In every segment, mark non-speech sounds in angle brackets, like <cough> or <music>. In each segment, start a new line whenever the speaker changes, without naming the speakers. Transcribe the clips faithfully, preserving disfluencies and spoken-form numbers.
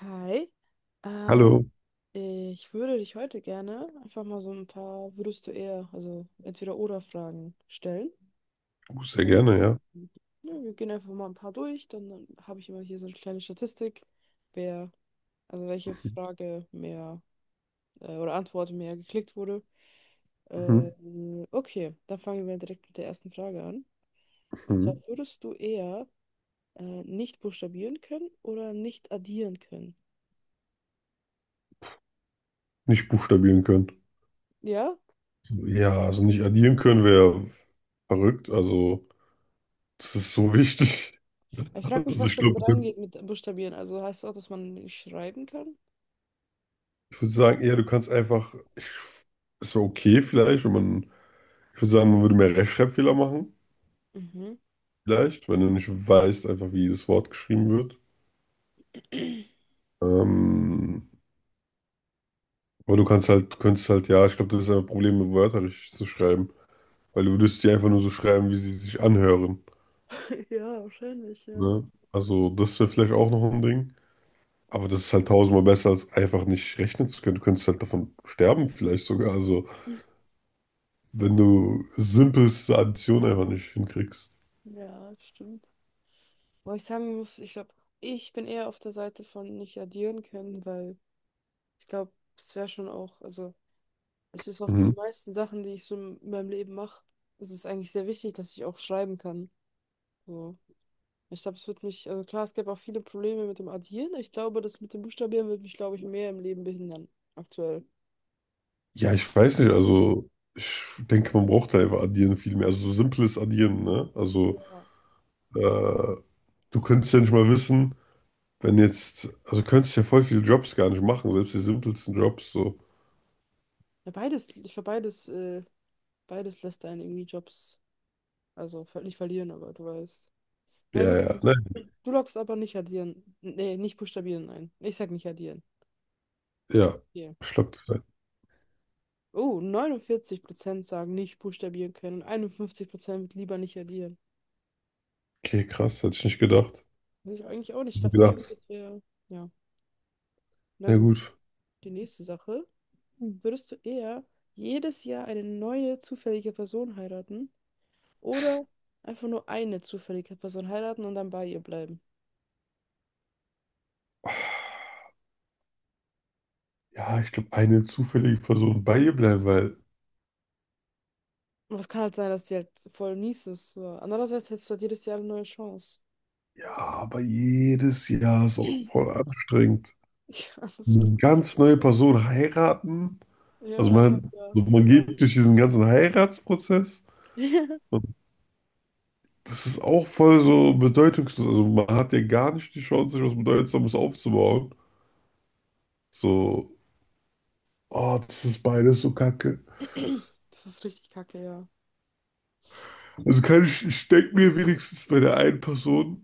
Hi, ähm,
Hallo,
ich würde dich heute gerne einfach mal so ein paar würdest du eher, also entweder oder Fragen stellen.
oh, sehr gerne,
Und,
ja.
ja, wir gehen einfach mal ein paar durch, dann, dann habe ich immer hier so eine kleine Statistik, wer, also welche Frage mehr äh, oder Antwort mehr geklickt wurde.
Mhm.
Ähm, okay, dann fangen wir direkt mit der ersten Frage an. Und zwar
Mhm.
würdest du eher äh, nicht buchstabieren können oder nicht addieren können?
Nicht buchstabieren können.
Ja,
Ja, also nicht addieren können wäre verrückt. Also, das ist so wichtig.
ich frage mich,
Also,
was
ich
damit
glaube,
reingeht mit Buchstabieren. Also heißt das auch, dass man nicht schreiben kann?
ich würde sagen, eher, du kannst einfach, ich, es wäre okay vielleicht, wenn man, ich würde sagen, man würde mehr Rechtschreibfehler machen,
Mhm.
vielleicht, wenn du nicht weißt, einfach wie jedes Wort geschrieben wird.
<clears throat>
Ähm, aber du kannst halt, du könntest halt, ja, ich glaube, das ist ein Problem, Wörter richtig zu schreiben, weil du würdest die einfach nur so schreiben, wie sie sich anhören.
Ja, wahrscheinlich, ja.
Ne? Also, das wäre vielleicht auch noch ein Ding. Aber das ist halt tausendmal besser, als einfach nicht rechnen zu können. Du könntest halt davon sterben, vielleicht sogar. Also, wenn du simpelste Addition einfach nicht hinkriegst.
Ja, stimmt. Wo ich sagen muss, ich glaube, ich bin eher auf der Seite von nicht addieren können, weil ich glaube, es wäre schon auch, also es ist auch für die
Mhm.
meisten Sachen, die ich so in meinem Leben mache, es ist eigentlich sehr wichtig, dass ich auch schreiben kann. So. Ich glaube, es wird mich, also klar, es gäbe auch viele Probleme mit dem Addieren. Ich glaube, das mit dem Buchstabieren wird mich, glaube ich, mehr im Leben behindern, aktuell.
Ja, ich weiß nicht. Also, ich denke, man braucht da einfach Addieren viel mehr. Also, so simples Addieren, ne? Also,
Ja.
äh, du könntest ja nicht mal wissen, wenn jetzt. Also, könntest ja voll viele Jobs gar nicht machen, selbst die simpelsten Jobs. So,
Ja, beides, ich glaube, beides, äh, beides lässt einen irgendwie Jobs, also ver- nicht verlieren, aber du weißt.
ja,
Na gut,
ja,
also
ne?
du, du loggst aber nicht addieren. Nee, nicht buchstabieren ein. Ich sag nicht addieren.
Ja,
Hier.
schluckt das ein.
Oh, neunundvierzig Prozent sagen nicht buchstabieren können. einundfünfzig Prozent wird lieber nicht addieren.
Okay, krass, hätte ich nicht gedacht. Hätte
Weiß ich eigentlich auch nicht. Ich
ich
dachte irgendwie,
gedacht.
das wäre. Ja, na
Na
gut.
gut.
Die nächste Sache. Würdest du eher jedes Jahr eine neue zufällige Person heiraten oder einfach nur eine zufällige Person heiraten und dann bei ihr bleiben?
Ja, ich glaube, eine zufällige Person bei ihr bleiben, weil
Und es kann halt sein, dass die halt voll mies ist. So. Andererseits hättest du halt jedes Jahr eine neue Chance.
ja, aber jedes Jahr ist auch
<clears throat>
voll anstrengend.
Ja, das stimmt,
Eine
ey.
ganz neue Person heiraten.
Ja,
Also
einfach,
man,
ja.
so man geht durch diesen ganzen Heiratsprozess
<laughs>
und das ist auch voll so bedeutungslos. Also man hat ja gar nicht die Chance, sich was Bedeutsames aufzubauen. So, oh, das ist beides so kacke.
Das ist richtig kacke, ja.
Also kann ich, ich denke mir wenigstens bei der einen Person,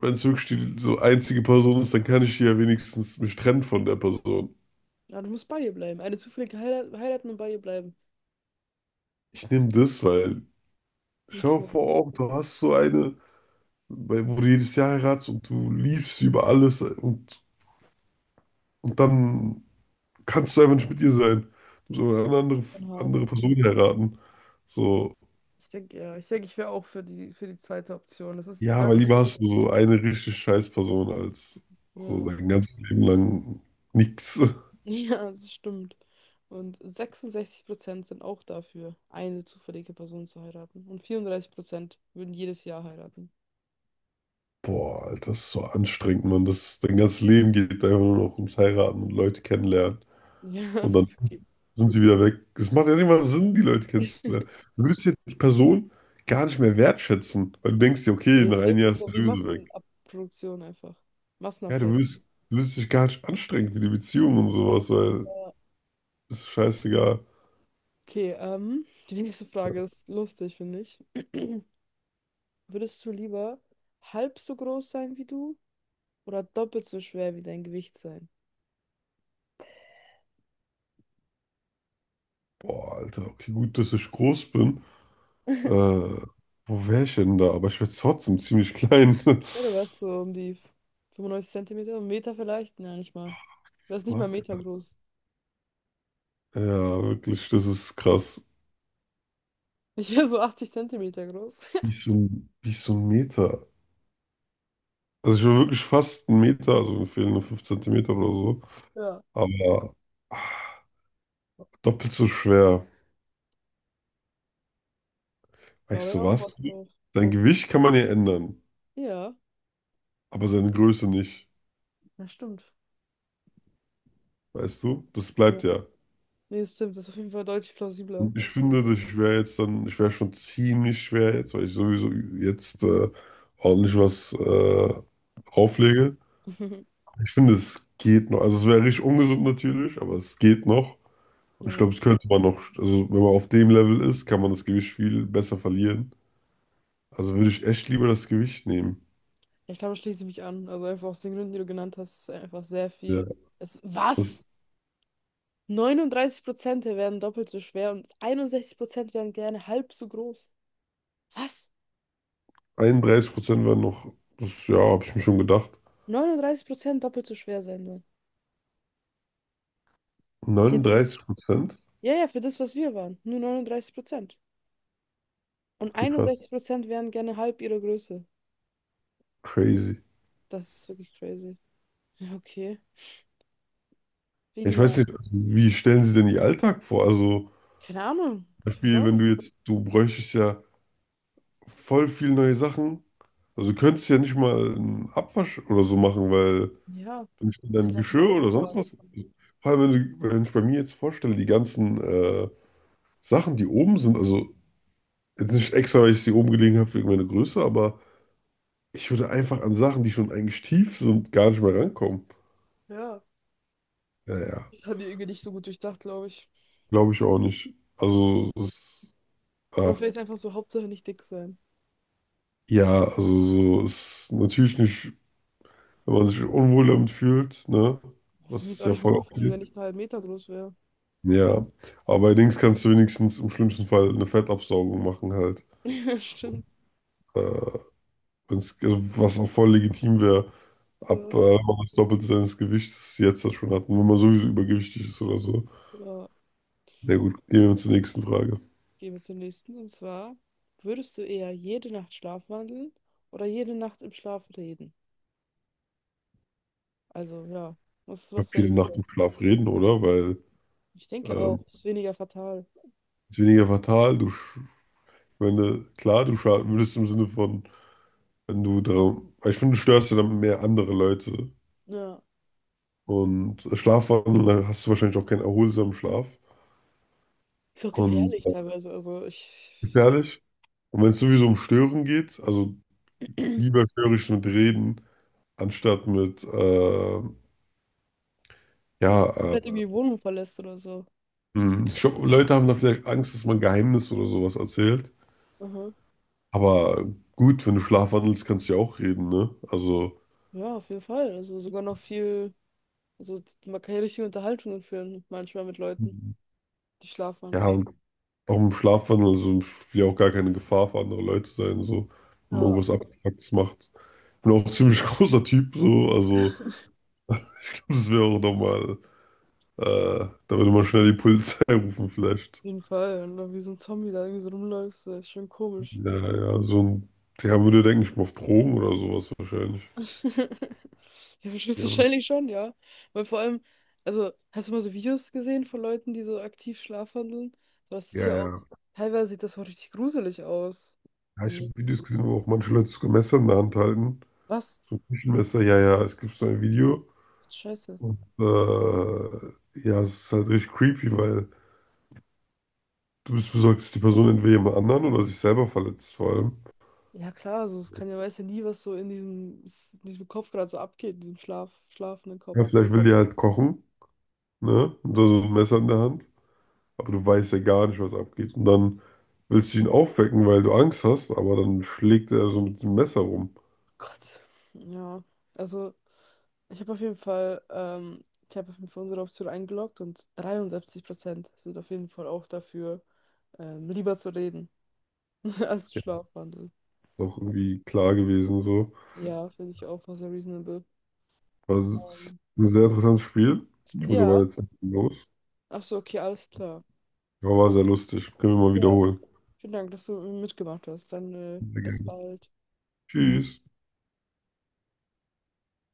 wenn es wirklich die so einzige Person ist, dann kann ich die ja wenigstens mich trennen von der Person.
Ja, du musst bei ihr bleiben. Eine zufällige Heirat, heiraten und bei ihr bleiben.
Ich nehme das, weil schau
Okay,
vor auch, du hast so eine, bei- wo du jedes Jahr heiratest und du liebst sie über alles und, und dann kannst du einfach nicht mit ihr sein. Du musst aber eine andere,
schon hart.
andere Person heiraten. So,
Ich denke, ja, ich denke, ich wäre auch für die, für die zweite Option. Das ist
ja, weil
deutlich
lieber
weniger
hast du so
Aufwand.
eine richtig scheiß Person als so
Ja,
dein ganzes Leben lang nix. <laughs>
<laughs> ja, das stimmt. Und sechsundsechzig Prozent sind auch dafür, eine zufällige Person zu heiraten. Und vierunddreißig Prozent würden jedes Jahr heiraten.
Boah, Alter, das ist so anstrengend, Mann. Das, dein ganzes Leben geht einfach nur noch ums Heiraten und Leute kennenlernen.
Ja,
Und dann
<laughs> okay.
sind sie wieder weg. Es macht ja nicht mal Sinn, die Leute kennenzulernen. Du würdest ja die Person gar nicht mehr wertschätzen, weil du denkst dir, okay,
Ja,
nach einem
safe,
Jahr
ist
ist
ja
sie
wie
sowieso weg.
Massenabproduktion einfach.
Ja, du
Massenabfertigung.
würdest, du würdest dich gar nicht anstrengen für die Beziehung und sowas, weil
Ja.
es ist scheißegal.
Okay, ähm, die nächste Frage ist lustig, finde ich. <clears throat> Würdest du lieber halb so groß sein wie du oder doppelt so schwer wie dein Gewicht sein?
Boah, Alter, okay, gut, dass ich groß bin. Äh,
<laughs>
Wo wäre ich denn da? Aber ich werde trotzdem ziemlich klein. <laughs>
Ja, du wärst so um die fünfundneunzig Zentimeter, einen Meter vielleicht? Nein, nicht mal. Du wärst nicht mal einen
Fuck.
Meter groß. <laughs>
Ja, wirklich, das ist krass.
Ich wäre so achtzig Zentimeter groß.
Wie
<laughs>
so ein, wie so ein Meter. Also ich war wirklich fast einen Meter, also mir fehlen nur fünf Zentimeter oder so.
Ja,
Aber ah, doppelt so schwer.
da
Weißt
wäre
du
auch
was?
was drauf.
Dein Gewicht kann man ja ändern,
Ja,
aber seine Größe nicht.
das stimmt.
Weißt du? Das
Ja.
bleibt ja.
Nee, das stimmt, das ist auf jeden Fall deutlich plausibler.
Und ich
Also,
finde, dass ich wäre jetzt dann, ich wäre schon ziemlich schwer jetzt, weil ich sowieso jetzt äh, ordentlich was äh, auflege.
<laughs>
Ich finde, es geht noch. Also es wäre richtig ungesund natürlich, aber es geht noch. Und ich
ja.
glaube, es könnte man noch, also wenn man auf dem Level ist, kann man das Gewicht viel besser verlieren. Also würde ich echt lieber das Gewicht nehmen.
Ja, ich glaube, da schließe ich mich an. Also einfach aus den Gründen, die du genannt hast, ist einfach sehr
Ja.
viel. Es, was?
Das,
neununddreißig Prozent werden doppelt so schwer und einundsechzig Prozent werden gerne halb so groß. Was?
einunddreißig Prozent waren noch, das, ja, habe ich mir schon gedacht.
neununddreißig Prozent doppelt so schwer sein wollen. Ich hätte nicht.
neununddreißig Prozent?
Ja, ja, für das, was wir waren. Nur neununddreißig Prozent. Und
Okay, krass.
einundsechzig Prozent wären gerne halb ihrer Größe.
Crazy.
Das ist wirklich crazy. Ja, okay. Wie
Ja,
die
ich weiß
mal.
nicht, wie stellen Sie denn Ihr Alltag vor? Also, zum
Keine Ahnung. Ich weiß
Beispiel,
auch
wenn
nicht.
du jetzt, du bräuchtest ja voll viel neue Sachen. Also, du könntest ja nicht mal einen Abwasch oder so machen, weil
Ja.
du nicht
Als
dein
hätte ich mal
Geschirr
Auto
oder sonst
fahren.
was. Vor allem, wenn, du, wenn ich bei mir jetzt vorstelle, die ganzen äh, Sachen, die oben sind, also jetzt nicht extra, weil ich sie oben gelegen habe wegen meiner Größe, aber ich würde einfach an Sachen, die schon eigentlich tief sind, gar nicht mehr rankommen.
Ja.
Ja, ja,
Das haben die irgendwie nicht so gut durchdacht, glaube ich.
glaube ich auch nicht.
Hm.
Also, es, ah,
Oder vielleicht einfach so, Hauptsache nicht dick sein.
ja, also so ist natürlich nicht, wenn man sich unwohl damit fühlt, ne?
Ich würde
Das
mich jetzt
ist
auch
ja
nicht
voll
wohlfühlen,
okay.
wenn ich einen halben Meter groß wäre.
Ja, aber bei Dings kannst du wenigstens im schlimmsten Fall eine Fettabsaugung machen halt.
<laughs> Ja, stimmt.
Äh, Wenn's, also was auch voll legitim wäre, ab äh,
Ja.
wenn man das Doppelte seines Gewichts jetzt das schon hat. Und wenn man sowieso übergewichtig ist oder so.
Ja.
Na gut, gehen wir zur nächsten Frage.
Gehen wir zum nächsten. Und zwar, würdest du eher jede Nacht schlafwandeln oder jede Nacht im Schlaf reden? Also, ja, was,
Glaube,
was wäre
jede Nacht
lieber?
im Schlaf reden, oder? Weil
Ich denke
ähm,
auch, ist weniger fatal.
ist weniger fatal. Du, sch- wenn du, klar, du schaden würdest im Sinne von, wenn du darum, weil ich finde, du störst ja dann mehr andere Leute.
Ja.
Und Schlafwandeln, dann hast du wahrscheinlich auch keinen erholsamen Schlaf.
Ist auch
Und
gefährlich
äh,
teilweise. Also, ich.
gefährlich. Und wenn es sowieso um Stören geht, also lieber störe ich mit Reden, anstatt mit, äh,
Ja,
ja,
dass du
äh,
vielleicht irgendwie die Wohnung verlässt oder so.
hm, ich glaub, Leute haben da vielleicht Angst, dass man Geheimnis oder sowas erzählt.
Aha.
Aber gut, wenn du schlafwandelst, kannst du ja auch reden, ne? Also,
Ja, auf jeden Fall. Also, sogar noch viel. Also, man kann ja richtige Unterhaltungen führen, manchmal mit Leuten, die
ja,
schlafwandeln.
und auch im Schlafwandel, also ich will ja auch gar keine Gefahr für andere Leute sein, so, wenn man
Ja, auf
irgendwas Abgefucktes macht. Bin auch ein ziemlich <laughs> großer Typ, so, also ich glaube, das wäre auch nochmal, äh, da würde man schnell die Polizei <laughs> rufen, vielleicht.
jeden Fall. Und dann wie so ein Zombie da irgendwie so rumläufst, das ist schon komisch.
Ja, ja, so ein, der würde, denke ich mal, auf Drogen oder sowas wahrscheinlich.
<laughs> Ja,
Ja,
höchstwahrscheinlich schon, ja. Weil vor allem, also, hast du mal so Videos gesehen von Leuten, die so aktiv schlafwandeln? So. Das ist
ja,
ja auch,
ja.
teilweise sieht das auch richtig gruselig aus.
Ja, ich
Und
habe Videos gesehen, wo auch manche Leute sogar Messer in der Hand halten.
was?
So ein Küchenmesser, ja, ja, es gibt so ein Video.
Scheiße.
Und äh, ja, es ist halt richtig creepy, weil. Du bist besorgt, dass die Person entweder jemand anderen oder sich selber verletzt, vor allem.
Ja, klar, also, es kann ja, weiß ja nie, was so in diesem, in diesem Kopf gerade so abgeht, in diesem Schlaf, schlafenden
Ja,
Kopf.
vielleicht will die halt kochen, ne? Und da so ein Messer in der Hand. Aber du weißt ja gar nicht, was abgeht. Und dann willst du ihn aufwecken, weil du Angst hast, aber dann schlägt er so mit dem Messer rum.
Gott. Ja. Also, ich habe auf jeden Fall, ähm, ich habe auf jeden Fall unsere Option eingeloggt und dreiundsiebzig Prozent sind auf jeden Fall auch dafür, ähm, lieber zu reden <laughs> als zu schlafwandeln.
Ist auch irgendwie klar gewesen, so.
Ja, finde ich auch mal sehr reasonable.
Das ist
Ähm,
ein sehr interessantes Spiel. Ich muss
ja.
aber jetzt los.
Ach so, okay, alles klar.
Aber war sehr lustig. Können wir mal
Ja.
wiederholen.
Vielen Dank, dass du mitgemacht hast. Dann, äh,
Sehr
bis
gerne.
bald.
Tschüss.